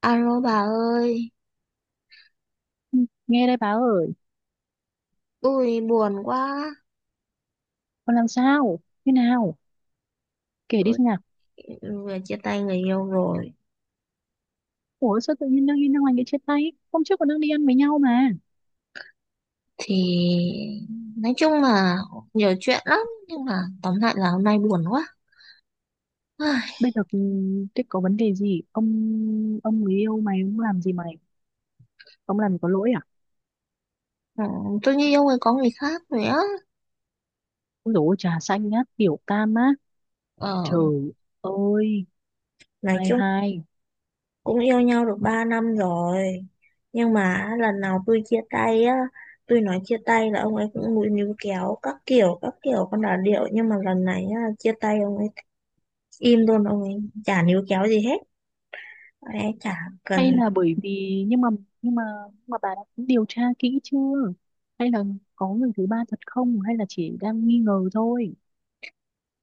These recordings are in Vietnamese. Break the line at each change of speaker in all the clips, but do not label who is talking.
Alo bà ơi,
Ừ, nghe đây bà ơi.
tôi buồn quá,
Con làm sao thế nào, kể đi
tôi
xem nào.
vừa chia tay người yêu rồi.
Ủa sao tự nhiên đang đi Năng Anh lại chia tay, hôm trước còn đang đi ăn với nhau mà.
Thì nói chung là nhiều chuyện lắm, nhưng mà tóm lại là hôm nay buồn quá. Ai,
Bây giờ ừ, thế có vấn đề gì ông, người yêu mày ông làm gì mày, ông làm gì có lỗi à?
ừ, tôi như yêu người có người khác rồi á.
Ôi dồi ôi, trà xanh á, tiểu tam á?
Ờ,
Trời ơi
nói
hai
chung
hai.
cũng yêu nhau được 3 năm rồi. Nhưng mà lần nào tôi chia tay á, tôi nói chia tay là ông ấy cũng mũi níu kéo các kiểu con đà điệu. Nhưng mà lần này á, chia tay ông ấy im luôn, ông ấy chả níu kéo gì hết. Ông ấy chả
Hay
cần.
là bởi vì nhưng mà nhưng mà bà đã điều tra kỹ chưa, hay là có người thứ ba thật không hay là chỉ đang nghi ngờ thôi?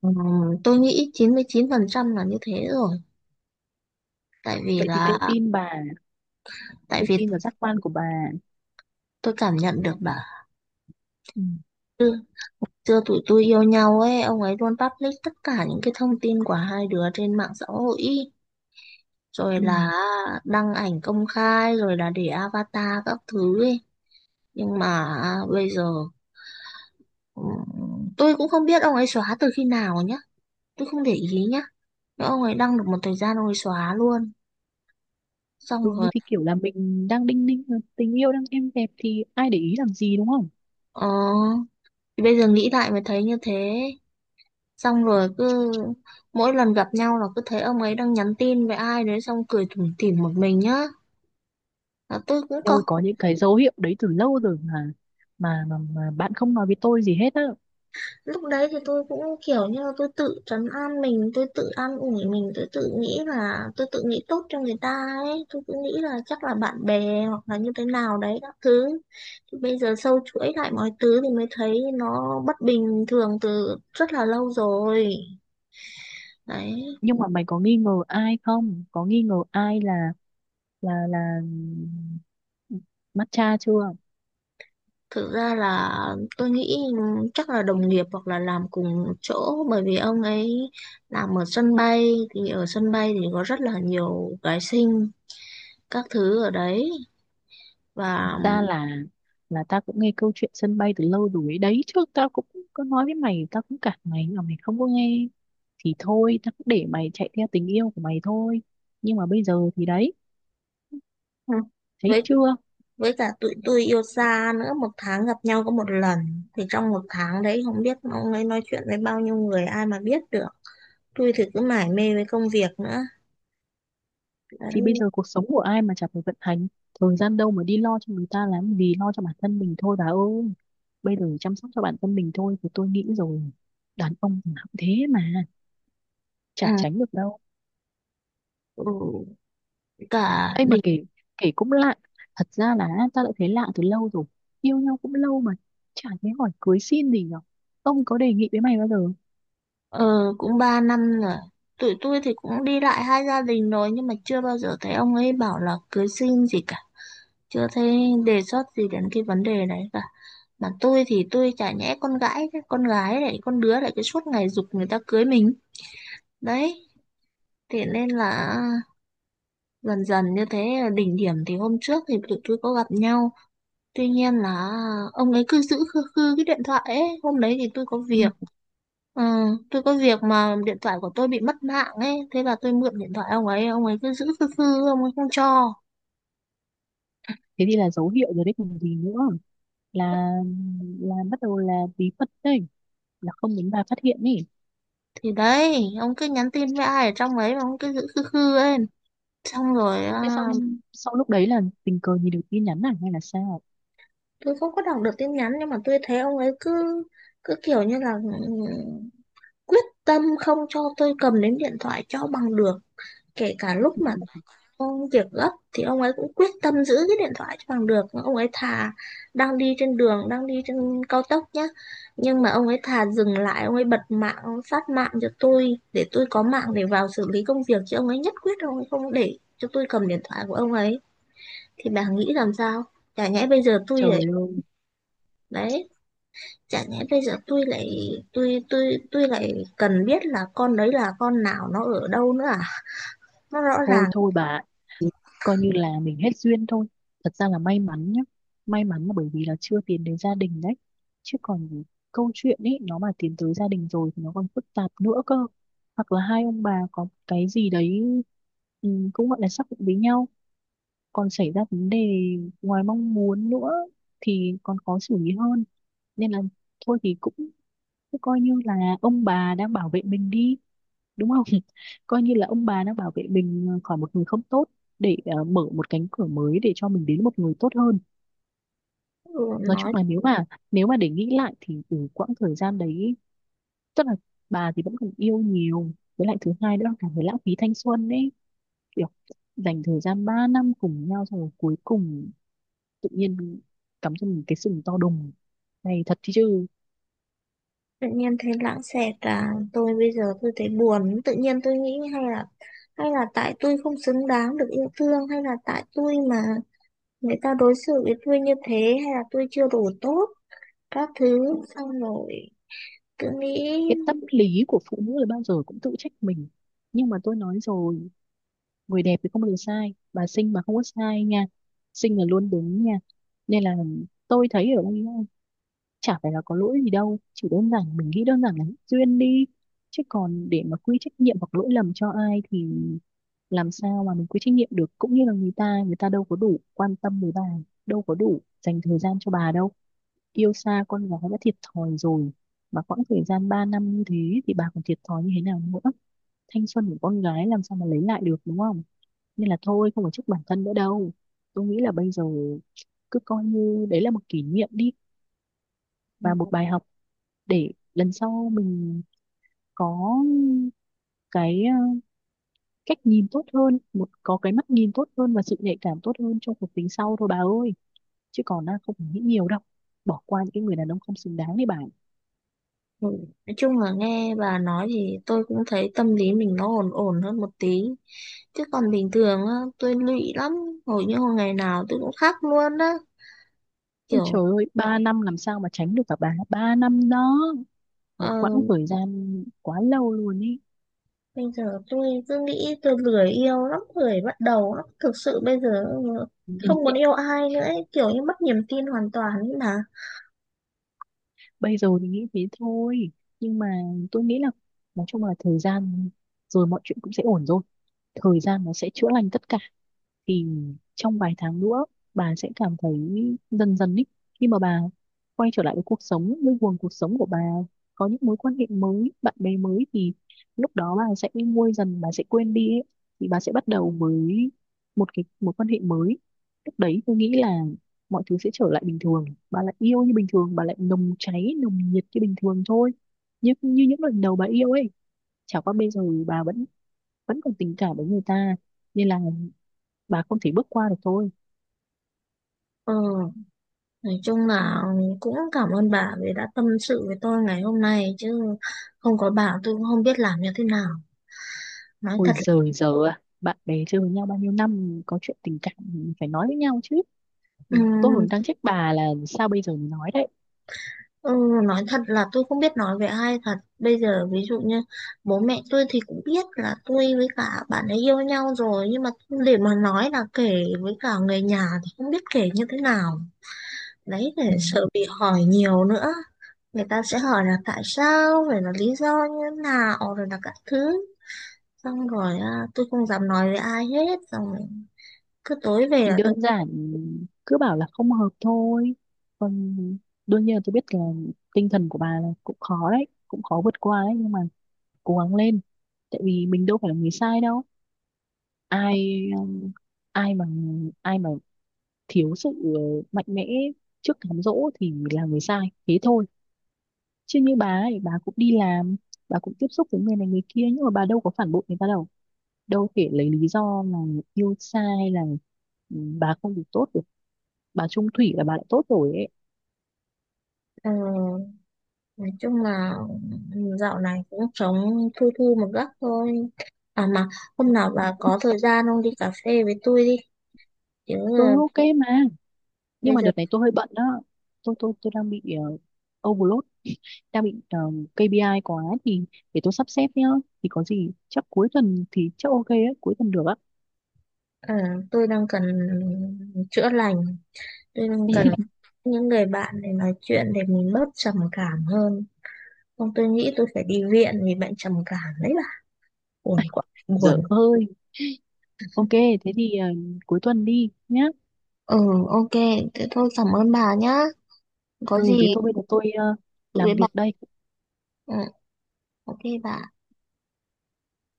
Ừm, tôi nghĩ chín chín mươi chín phần trăm là như thế rồi, tại vì
Vậy thì
là
tôi tin bà,
tại
tôi
vì
tin vào giác quan của bà.
tôi cảm nhận được bà.
Ừ.
Chưa chưa tụi tôi yêu nhau ấy, ông ấy luôn public tất cả những cái thông tin của hai đứa trên mạng xã hội, rồi
Ừ.
là đăng ảnh công khai, rồi là để avatar các thứ ấy. Nhưng mà à, bây giờ tôi cũng không biết ông ấy xóa từ khi nào nhá, tôi không để ý nhá, nhưng ông ấy đăng được một thời gian ông ấy xóa luôn. Xong
Ừ
rồi
thì kiểu là mình đang đinh ninh mà, tình yêu đang êm đẹp thì ai để ý làm gì đúng không?
ờ, thì bây giờ nghĩ lại mới thấy như thế. Xong rồi cứ mỗi lần gặp nhau là cứ thấy ông ấy đang nhắn tin với ai đấy xong cười tủm tỉm một mình nhá, là tôi cũng
Tôi
có.
có những cái dấu hiệu đấy từ lâu rồi mà, mà bạn không nói với tôi gì hết á.
Lúc đấy thì tôi cũng kiểu như là tôi tự trấn an mình, tôi tự an ủi mình, tôi tự nghĩ là tôi tự nghĩ tốt cho người ta ấy, tôi cứ nghĩ là chắc là bạn bè hoặc là như thế nào đấy các thứ. Thì bây giờ sâu chuỗi lại mọi thứ thì mới thấy nó bất bình thường từ rất là lâu rồi, đấy.
Nhưng mà mày có nghi ngờ ai không? Có nghi ngờ ai là là là ừ, matcha chưa?
Thực ra là tôi nghĩ chắc là đồng nghiệp hoặc là làm cùng chỗ, bởi vì ông ấy làm ở sân bay, thì ở sân bay thì có rất là nhiều gái xinh các thứ ở đấy. Và
Ra là ta cũng nghe câu chuyện sân bay từ lâu rồi ấy. Đấy trước tao cũng có nói với mày, tao cũng cản mày nhưng mà mày không có nghe, thì thôi tao cũng để mày chạy theo tình yêu của mày thôi. Nhưng mà bây giờ thì đấy,
ừ,
thấy
với
chưa?
với cả tụi tôi yêu xa nữa, một tháng gặp nhau có một lần thì trong một tháng đấy không biết ông ấy nói chuyện với bao nhiêu người ai mà biết được. Tôi thì cứ mải mê với công việc nữa,
Thì
đấy.
bây giờ cuộc sống của ai mà chả phải vận hành, thời gian đâu mà đi lo cho người ta làm gì, lo cho bản thân mình thôi bà ơi. Bây giờ chăm sóc cho bản thân mình thôi thì tôi nghĩ rồi, đàn ông thì nó cũng thế mà,
Ừ.
chả tránh được đâu.
Ừ. Cả
Ấy mà
đi.
kể, kể cũng lạ. Thật ra là ta đã thấy lạ từ lâu rồi, yêu nhau cũng lâu mà chả thấy hỏi cưới xin gì nhở. Ông có đề nghị với mày bao giờ?
Ờ, cũng 3 năm rồi. Tụi tôi thì cũng đi lại hai gia đình rồi nhưng mà chưa bao giờ thấy ông ấy bảo là cưới xin gì cả. Chưa thấy đề xuất gì đến cái vấn đề đấy cả. Mà tôi thì tôi chả nhẽ con gái, chứ, con gái lại con đứa lại cứ suốt ngày giục người ta cưới mình. Đấy, thế nên là dần dần như thế, đỉnh điểm thì hôm trước thì tụi tôi có gặp nhau. Tuy nhiên là ông ấy cứ giữ khư khư cái điện thoại ấy. Hôm đấy thì tôi có
Ừ.
việc. Ừ, tôi có việc mà điện thoại của tôi bị mất mạng ấy, thế là tôi mượn điện thoại ông ấy cứ giữ khư khư, ông ấy không cho.
Thế thì là dấu hiệu rồi đấy còn gì nữa, là bắt đầu là bí mật đấy, là không muốn bà phát hiện ý.
Thì đấy, ông cứ nhắn tin với ai ở trong ấy mà ông cứ giữ khư khư ấy. Xong rồi
Thế
à,
xong sau lúc đấy là tình cờ nhìn được tin nhắn này hay là sao?
tôi không có đọc được tin nhắn nhưng mà tôi thấy ông ấy cứ cứ kiểu như là ừ, quyết tâm không cho tôi cầm đến điện thoại cho bằng được, kể cả lúc mà
Ừ,
công việc gấp thì ông ấy cũng quyết tâm giữ cái điện thoại cho bằng được. Ông ấy thà đang đi trên đường, đang đi trên cao tốc nhá. Nhưng mà ông ấy thà dừng lại, ông ấy bật mạng, ông phát mạng cho tôi để tôi có mạng để vào xử lý công việc. Chứ ông ấy nhất quyết ông ấy không để cho tôi cầm điện thoại của ông ấy. Thì bà nghĩ làm sao? Chả nhẽ bây giờ tôi
trời
lại,
ơi,
đấy, chả nhẽ bây giờ tôi lại, tôi lại cần biết là con đấy là con nào, nó ở đâu nữa à? Nó rõ
thôi
ràng.
thôi bà, coi như là mình hết duyên thôi. Thật ra là may mắn nhá. May mắn là bởi vì là chưa tiến đến gia đình đấy. Chứ còn câu chuyện ấy nó mà tiến tới gia đình rồi thì nó còn phức tạp nữa cơ. Hoặc là hai ông bà có cái gì đấy, ừ, cũng gọi là xác định với nhau. Còn xảy ra vấn đề ngoài mong muốn nữa thì còn khó xử lý hơn. Nên là thôi thì cũng thế, coi như là ông bà đang bảo vệ mình đi, đúng không? Coi như là ông bà đang bảo vệ mình khỏi một người không tốt, để mở một cánh cửa mới để cho mình đến một người tốt hơn.
Ừ,
Nói chung
nói
là nếu mà, nếu mà để nghĩ lại thì từ quãng thời gian đấy, tức là bà thì vẫn còn yêu nhiều, với lại thứ hai nữa là cảm thấy lãng phí thanh xuân ấy, kiểu dành thời gian 3 năm cùng nhau xong rồi cuối cùng tự nhiên cắm cho mình cái sừng to đùng này, thật chứ.
tự nhiên thấy lãng xẹt à, tôi bây giờ tôi thấy buồn, tự nhiên tôi nghĩ hay là, hay là tại tôi không xứng đáng được yêu thương, hay là tại tôi mà người ta đối xử với tôi như thế, hay là tôi chưa đủ tốt các thứ, xong rồi cứ nghĩ.
Cái tâm lý của phụ nữ là bao giờ cũng tự trách mình, nhưng mà tôi nói rồi, người đẹp thì không bao giờ sai, bà xinh mà không có sai nha, xinh là luôn đúng nha. Nên là tôi thấy ở ông ấy chả phải là có lỗi gì đâu, chỉ đơn giản mình nghĩ đơn giản là duyên đi. Chứ còn để mà quy trách nhiệm hoặc lỗi lầm cho ai thì làm sao mà mình quy trách nhiệm được, cũng như là người ta, người ta đâu có đủ quan tâm với bà, đâu có đủ dành thời gian cho bà đâu. Yêu xa con gái đã thiệt thòi rồi, mà quãng thời gian 3 năm như thế thì bà còn thiệt thòi như thế nào nữa. Thanh xuân của con gái làm sao mà lấy lại được đúng không. Nên là thôi không phải trách bản thân nữa đâu, tôi nghĩ là bây giờ cứ coi như đấy là một kỷ niệm đi, và một bài học để lần sau mình có cái cách nhìn tốt hơn, một có cái mắt nhìn tốt hơn và sự nhạy cảm tốt hơn trong cuộc tình sau thôi bà ơi. Chứ còn không phải nghĩ nhiều đâu, bỏ qua những cái người đàn ông không xứng đáng đấy bà.
Ừ, nói chung là nghe bà nói thì tôi cũng thấy tâm lý mình nó ổn ổn hơn một tí, chứ còn bình thường á tôi lụy lắm, hầu như hồi ngày nào tôi cũng khóc luôn á,
Ôi
kiểu.
trời ơi ba năm làm sao mà tránh được cả bà, ba năm đó,
ờ,
một quãng thời gian quá lâu luôn ý.
Bây giờ tôi cứ nghĩ tôi lười yêu lắm, lười bắt đầu lắm. Thực sự bây giờ
Nên
không muốn yêu ai nữa ấy, kiểu như mất niềm tin hoàn toàn ấy mà.
bây giờ thì nghĩ thế thôi, nhưng mà tôi nghĩ là, nói chung là thời gian rồi mọi chuyện cũng sẽ ổn thôi, thời gian nó sẽ chữa lành tất cả. Thì trong vài tháng nữa bà sẽ cảm thấy dần dần ý, khi mà bà quay trở lại với cuộc sống, với guồng cuộc sống của bà, có những mối quan hệ mới, bạn bè mới, thì lúc đó bà sẽ nguôi dần, bà sẽ quên đi ấy. Thì bà sẽ bắt đầu với một cái mối quan hệ mới, lúc đấy tôi nghĩ là mọi thứ sẽ trở lại bình thường, bà lại yêu như bình thường, bà lại nồng cháy nồng nhiệt như bình thường thôi, như như những lần đầu bà yêu ấy. Chả qua bây giờ bà vẫn vẫn còn tình cảm với người ta nên là bà không thể bước qua được thôi.
Ừ, nói chung là cũng cảm ơn bà vì đã tâm sự với tôi ngày hôm nay, chứ không có bà tôi cũng không biết làm như thế nào. Nói
Ôi
thật
giời giờ à, bạn bè chơi với nhau bao nhiêu năm có chuyện tình cảm phải nói với nhau chứ. Tôi
là,
còn đang trách bà là sao bây giờ mới nói đấy.
Ừ, nói thật là, tôi không biết nói với ai thật bây giờ, ví dụ như bố mẹ tôi thì cũng biết là tôi với cả bạn ấy yêu nhau rồi, nhưng mà để mà nói là kể với cả người nhà thì không biết kể như thế nào, đấy,
Ừ.
để sợ bị hỏi nhiều nữa. Người ta sẽ hỏi là tại sao, rồi là lý do như thế nào, rồi là các thứ. Xong rồi à, tôi không dám nói với ai hết, xong rồi cứ tối về
Thì
là tôi,
đơn giản cứ bảo là không hợp thôi. Còn đương nhiên là tôi biết là tinh thần của bà là cũng khó đấy, cũng khó vượt qua đấy nhưng mà cố gắng lên. Tại vì mình đâu phải là người sai đâu. Ai ai mà ai mà thiếu sự mạnh mẽ trước cám dỗ thì là người sai. Thế thôi. Chứ như bà ấy, bà cũng đi làm, bà cũng tiếp xúc với người này người kia nhưng mà bà đâu có phản bội người ta đâu. Đâu thể lấy lý do là yêu xa hay là ừ, bà không được tốt được, bà chung thủy là bà đã tốt rồi ấy.
ừ, nói chung là ừ, dạo này cũng sống thu thu một góc thôi. À mà hôm nào bà có thời gian không, đi cà phê với tôi đi, chứ
Ừ,
ờ,
ok mà nhưng
bây
mà
giờ
đợt này tôi hơi bận đó, tôi đang bị overload, đang bị KPI quá thì để tôi sắp xếp nhá, thì có gì chắc cuối tuần thì chắc ok ấy, cuối tuần được á.
ờ, tôi đang cần chữa lành, tôi đang cần những người bạn để nói chuyện để mình bớt trầm cảm hơn, không tôi nghĩ tôi phải đi viện vì bệnh trầm cảm đấy bà, buồn quá
Dở
buồn.
hơi. Ok thế thì cuối tuần đi nhá.
Ừ, ok, thế thôi cảm ơn bà nhá, có
Ừ
gì
thế thôi bây giờ tôi
tự
làm
với
việc
bà.
đây.
Ừ, ok bà.